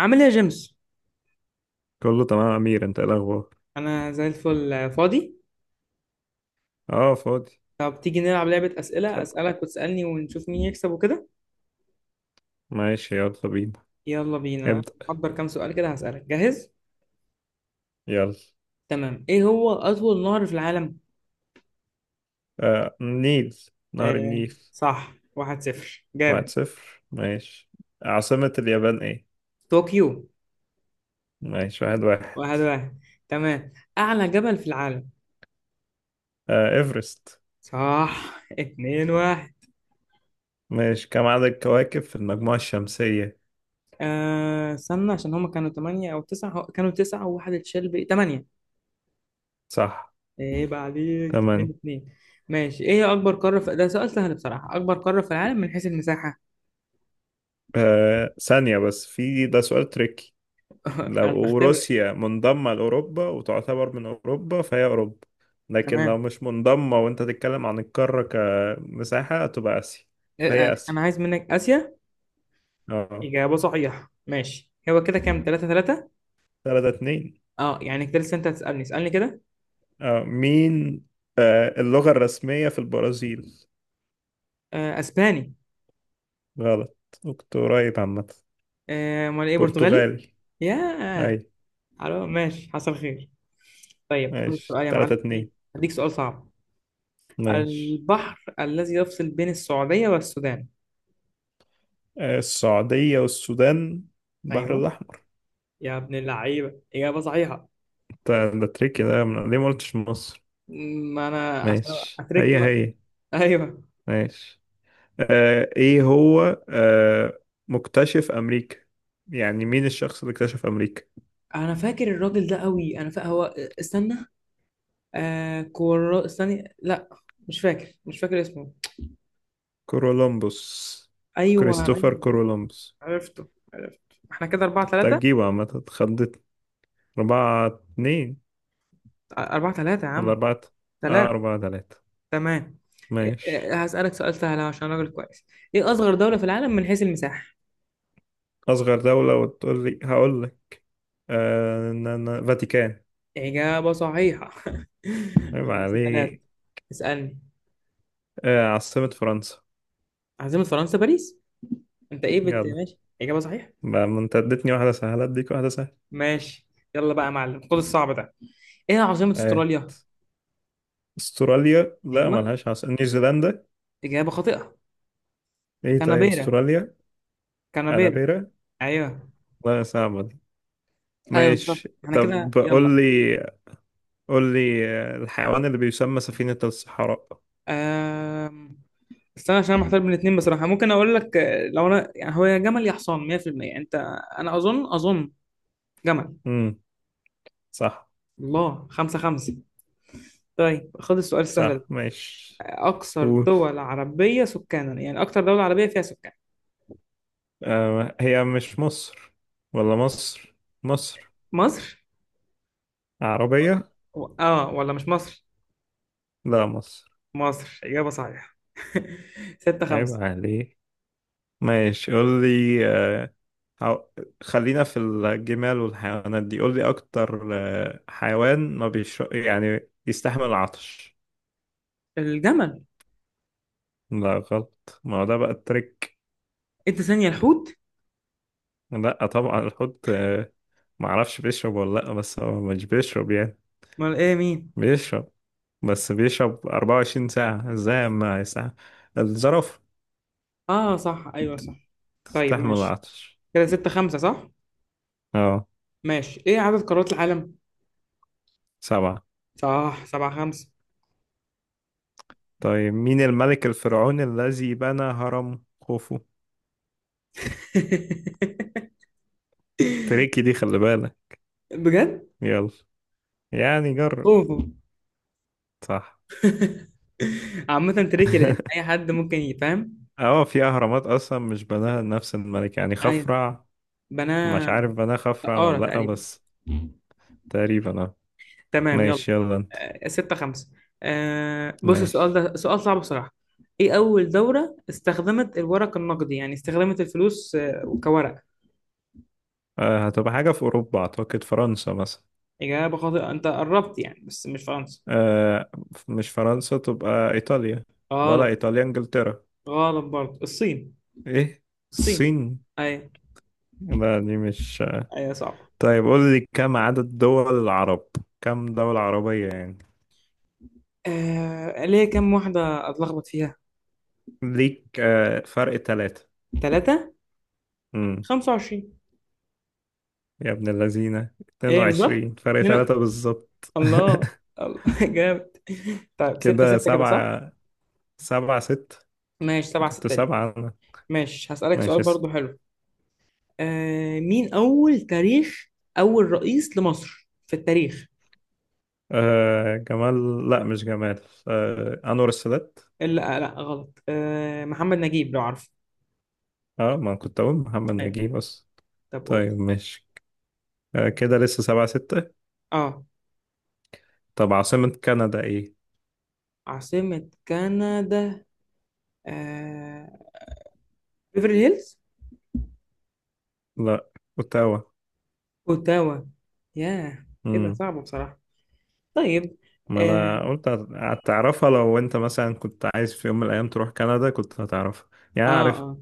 عامل ايه يا جيمس؟ كله تمام يا أمير. أنت إيه الأخبار؟ انا زي الفل، فاضي. أه، فاضي. طب تيجي نلعب لعبة أسئلة، تحب؟ أسألك وتسألني ونشوف مين يكسب وكده. ماشي، يلا بينا. يلا بينا، ابدأ. محضر كام سؤال كده هسألك، جاهز؟ يلا. تمام، ايه هو أطول نهر في العالم؟ النيل. نهر آه، النيل. صح، واحد صفر، واحد جامد. صفر. ماشي. عاصمة اليابان إيه؟ طوكيو. ماشي، واحد واحد. واحد واحد. تمام، أعلى جبل في العالم. إيفرست. صح، اتنين واحد. ماشي. كم عدد الكواكب في المجموعة الشمسية؟ استنى، عشان هما كانوا تمانية أو تسعة، كانوا تسعة وواحد اتشال، بإيه، تمانية. صح. عيب عليك، اتنين تمام. اتنين. ماشي، ايه هي اكبر قارة في ده، سؤال سهل بصراحة، اكبر قارة في العالم من حيث المساحة. آه ثانية بس في ده سؤال تريكي. انا لو بختبرك. روسيا منضمة لأوروبا وتعتبر من أوروبا فهي أوروبا، لكن لو تمام. مش منضمة وأنت تتكلم عن القارة كمساحة تبقى آسيا، إيه- فهي انا آسيا. أنا عايز منك اسيا. اه. اجابة صحيحة. ماشي، هو كده كام، تلاتة تلاتة. تلاتة اتنين. اه يعني كده لسه، انت هتسألني، اسألني كده. اه، مين. اللغة الرسمية في البرازيل. آه، اسباني. غلط. كنت قريب عامة. امال ايه؟ برتغالي. برتغالي. ياه. أي. حلو، ماشي، حصل خير. طيب خد ماشي، السؤال يا تلاتة معلم، ايه. اتنين. هديك سؤال صعب. ماشي. البحر الذي يفصل بين السعودية والسودان. السعودية والسودان، البحر ايوه، الأحمر. يا ابن اللعيبة، اجابة صحيحة. ده تريكي، ليه ما قلتش مصر؟ ما انا عشان، ماشي. اترك هي بقى. هي ايوه. ماشي. ايه هو، مكتشف امريكا، يعني مين الشخص اللي اكتشف امريكا. انا فاكر الراجل ده قوي، انا فاكر هو، استنى، آه كورا، استني، لا، مش فاكر اسمه. كولومبوس. ايوه كريستوفر ايوه، كولومبوس. عرفته، عرفته. احنا كده أربعة أنت كنت ثلاثة. هتجيبه عامة، اتخضيت. أربعة اتنين، أربعة ثلاثة يا ولا عم. أربعة؟ ثلاثة. أربعة تلاتة. تمام. ماشي. هسألك سؤال سهل عشان راجل كويس. ايه اصغر دولة في العالم من حيث المساحة؟ أصغر دولة وتقول لي هقول لك. فاتيكان. إجابة صحيحة. عيب خمسة ثلاثة. عليه. اسألني. عاصمة فرنسا. عاصمة فرنسا باريس. انت ايه بت، جدع. ماشي، إجابة صحيحة. بقى ما انت اديتني واحدة سهلة اديك واحدة سهلة. ماشي يلا بقى يا معلم، خد الصعب ده. ايه عاصمة آه. استراليا؟ استراليا لا ايوه، ملهاش عاصمة، نيوزيلندا. اجابة خاطئة. ايه طيب كانبيرا، استراليا؟ كانبيرا. انابيرا. ايوه لا، صعبة دي. ايوه بالظبط، ماشي، احنا كده، طب يلا. قول لي، الحيوان اللي بيسمى سفينة الصحراء. أم... استنى عشان انا محتار بين الاثنين بصراحة، ممكن اقول لك، لو انا يعني هو يا جمل يا حصان 100% انت. انا اظن جمل. امم صح. الله، خمسة خمسة. طيب خد السؤال السهل ده، صح، ماشي. اكثر قول. دول عربية سكانا، يعني اكثر دولة عربية فيها سكان. هي مش مصر، ولا مصر. مصر. مصر. عربية. و... اه ولا مش مصر؟ لا، مصر. مصر، اجابة صحيحة. ستة عيب خمسة. عليه. ماشي، قول لي. هو- خلينا في الجمال والحيوانات دي. قول لي اكتر، حيوان ما بيش يعني يستحمل العطش. الجمل. لا غلط، ما هو ده بقى التريك. انت ثانية، الحوت؟ لا طبعا الحوت. ما اعرفش بيشرب ولا لا، بس هو مش بيشرب يعني. امال ايه، مين؟ بيشرب، بس بيشرب 24 ساعة ازاي ما ساعة. الزرافة اه صح، ايوه صح. طيب تستحمل ماشي، العطش. كده ستة خمسة صح. اه. ماشي، ايه عدد قارات العالم؟ سبعة. صح، سبعة خمسة. طيب مين الملك الفرعوني الذي بنى هرم خوفو؟ تريكي دي، خلي بالك. بجد. يلا. يعني جرب. اوفو. صح. عامة تريكي لان اي حد ممكن يفهم. اه، في اهرامات اصلا مش بناها نفس الملك، يعني ايوه خفرع. مش بناه. عارف بناها خفرع سقارة ولا لا تقريبا. بس. تقريبا. آه. تمام يلا. ماشي، يلا انت. ستة خمسة. آه بص، السؤال ماشي. ده سؤال صعب بصراحة، ايه اول دولة استخدمت الورق النقدي، يعني استخدمت الفلوس كورق. هتبقى حاجة في أوروبا، أعتقد فرنسا مثلا. إجابة خاطئة، أنت قربت يعني بس مش فرنسا. آه مش فرنسا، تبقى إيطاليا. ولا غلط. إيطاليا، إنجلترا. غلط برضه، الصين. إيه. الصين. الصين. أيوة. لا دي مش. أيوة صعبة. طيب قول لي، كم عدد دول العرب؟ كم دولة عربية يعني. ليه، كم واحدة أتلخبط فيها؟ ليك فرق ثلاثة. ثلاثة؟ امم. خمسة وعشرين. يا ابن اللذينة، إيه بالظبط؟ 22، فرق اتنين، الله. ثلاثة بالظبط. الله. جامد. طيب ستة كده ستة كده صح؟ سبعة. سبعة ست ماشي، سبعة كنت ستة ليه. سبعة أنا. ماشي هسألك سؤال ماشي. برضه حلو. مين أول تاريخ، أول رئيس لمصر في التاريخ؟ جمال، لا مش جمال. أنور السادات. لا لا غلط، محمد نجيب، لو عارفه. اه، ما كنت أقول محمد أيوة. نجيب بس. طب قول. طيب ماشي. كده لسه سبعة ستة. اه، طب عاصمة كندا ايه؟ عاصمة كندا. آه... بيفرلي هيلز. لا. أوتاوا. اوتاوا. ياه. ايه ده، امم. صعب بصراحة. طيب. ما اه. أنا قلت هتعرفها، لو أنت مثلا كنت عايز في يوم من الأيام تروح كندا كنت هتعرفها. يعني اه. عارف. آه.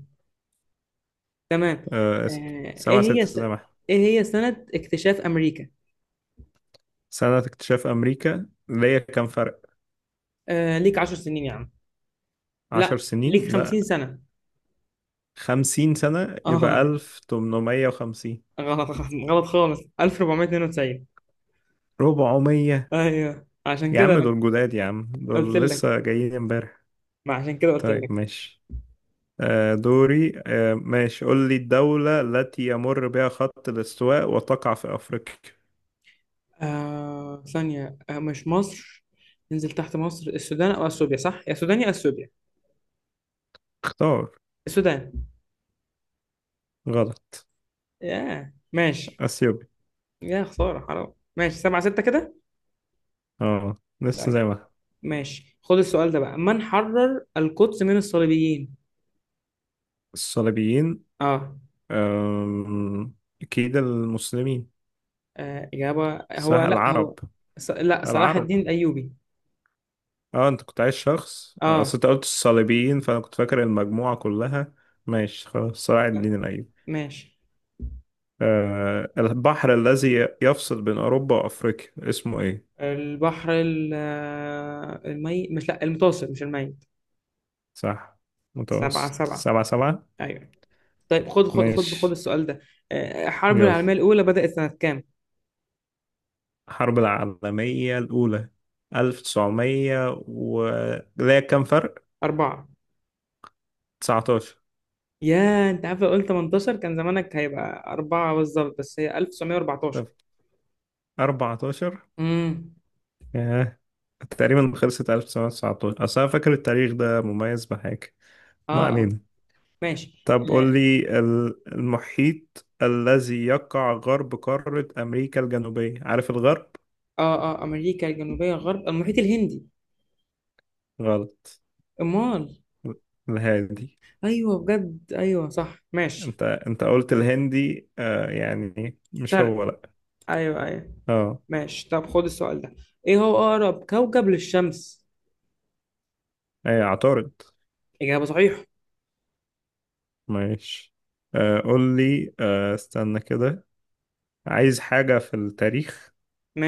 تمام. آه اسم. آه. ايه سبعة هي ستة زي ما احنا. ايه هي سنة اكتشاف امريكا؟ سنة اكتشاف أمريكا ليا كام فرق؟ آه، ليك عشر سنين يا عم. عشر لا، ليك سنين؟ لا. خمسين سنة. خمسين سنة؟ يبقى اه. 1850. غلط. غلط خالص، 1492. ربعمية. ايوه عشان يا كده عم أنا دول جداد، يا عم قلت دول لسه لك، جايين امبارح. ما عشان كده قلت طيب لك. ماشي. دوري، ماشي، قول لي الدولة التي يمر بها خط الاستواء وتقع في أفريقيا. ثانية، مش مصر، ننزل تحت مصر، السودان او اثيوبيا، صح، يا سودان يا اثيوبيا. اختار. السودان. غلط. ياه، ماشي. أثيوبيا. يا خسارة، حرام. ماشي، سبعة ستة كده. اه لسه طيب زي ما. ماشي، خد السؤال ده بقى، من حرر القدس من الصليبيين؟ الصليبيين. اه. آم، أكيد المسلمين. آه. إجابة هو، صح، لا العرب. هو ص... لا، صلاح العرب. الدين الأيوبي. اه، انت كنت عايز شخص، انا اصل اه. انت قلت الصليبيين فانا كنت فاكر المجموعة كلها. ماشي خلاص، صلاح لا، الدين الأيوبي. ماشي. البحر الذي يفصل بين أوروبا وأفريقيا اسمه إيه؟ البحر ال... المي، مش، لا، المتوسط، مش الميت. صح، سبعة متوسط. سبعة. سبعة سبعة. أيوه. طيب خد ماشي. السؤال ده. آه. الحرب يلا. العالمية الأولى بدأت سنة كام؟ الحرب العالمية الأولى ألف تسعمية و... لا كام فرق؟ أربعة. تسعتاشر. يا انت عارف، لو قلت 18 كان زمانك هيبقى أربعة بالظبط، بس هي 1914. طب أربعتاشر. امم ياه، تقريبا خلصت. 1919، أصل أنا فاكر التاريخ ده مميز بحاجة. ما اه، اه. علينا. ماشي، طب قول اه، لي المحيط الذي يقع غرب قارة أمريكا الجنوبية، عارف الغرب؟ اه. أمريكا الجنوبية غرب المحيط الهندي. غلط. أمال. الهادي. أيوه بجد، أيوه صح، ماشي. انت قلت الهندي، يعني مش شرق. هو لا. أيوه أيوه. اه. ماشي، طب خد السؤال ده، إيه هو أقرب كوكب للشمس؟ اي اعترض. إجابة صحيحة. ماشي. قول لي، استنى كده، عايز حاجة في التاريخ.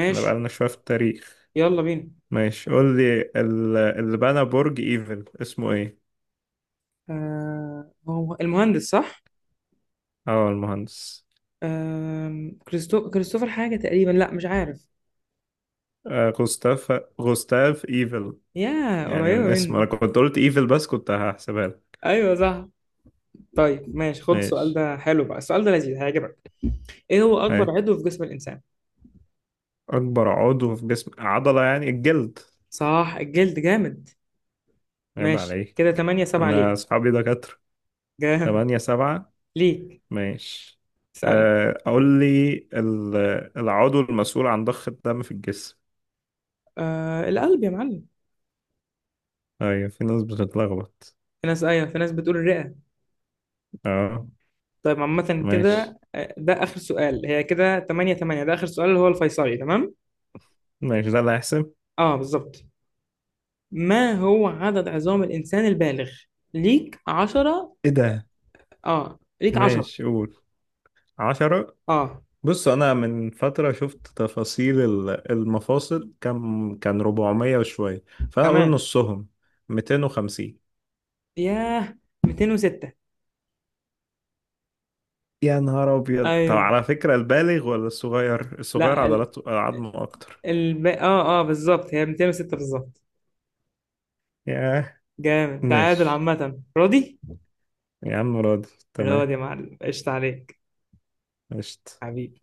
احنا بقالنا شوية في التاريخ. يلا بينا. ماشي، قول لي اللي بنى برج ايفل اسمه ايه. آه هو المهندس صح؟ اه المهندس. آه كريستوفر حاجة تقريبا، لا مش عارف. غوستاف. غوستاف ايفل. يا يعني قريبة من اسمه انا مني. كنت قلت ايفل، بس كنت هحسبها لك. ايوه صح. طيب ماشي، خد السؤال ماشي. ده حلو بقى، السؤال ده لذيذ هيعجبك. ايه هو اكبر هاي. عضو في جسم الانسان؟ اكبر عضو في جسم، عضلة يعني الجلد. صح، الجلد، جامد. عيب ماشي عليك، كده 8 7 أنا ليك. أصحابي دكاترة. جامد، تمانية سبعة. ليك. ماشي. اسأل. أقول لي العضو المسؤول عن ضخ الدم في الجسم. آه القلب يا معلم. أيوة، في ناس بتتلخبط. في ناس، ايوه، في ناس بتقول الرئة. أه. طيب عامة ماشي. كده، ده اخر سؤال، هي كده 8 8، ده اخر سؤال اللي هو الفيصلي، تمام. ماشي، ده اللي هيحسب. اه بالظبط. ما هو عدد عظام الانسان البالغ؟ ليك 10. إيه ده. اه ليك 10. ماشي، قول. عشرة. اه بص، أنا من فترة شفت تفاصيل المفاصل، كان 400 وشوية، فأنا أقول تمام. نصهم. 250. ياه، 206. يا نهار أبيض. طب ايوه. على فكرة، البالغ ولا الصغير؟ الصغير لا. عضلاته عظمه أكتر. الب... اه اه بالظبط، هي 206 بالظبط. ياه. جامد، تعادل، ماشي. عامة راضي؟ يا عم راضي. تمام. راضي يا معلم، قشطة عليك. قشطة. حبيبي.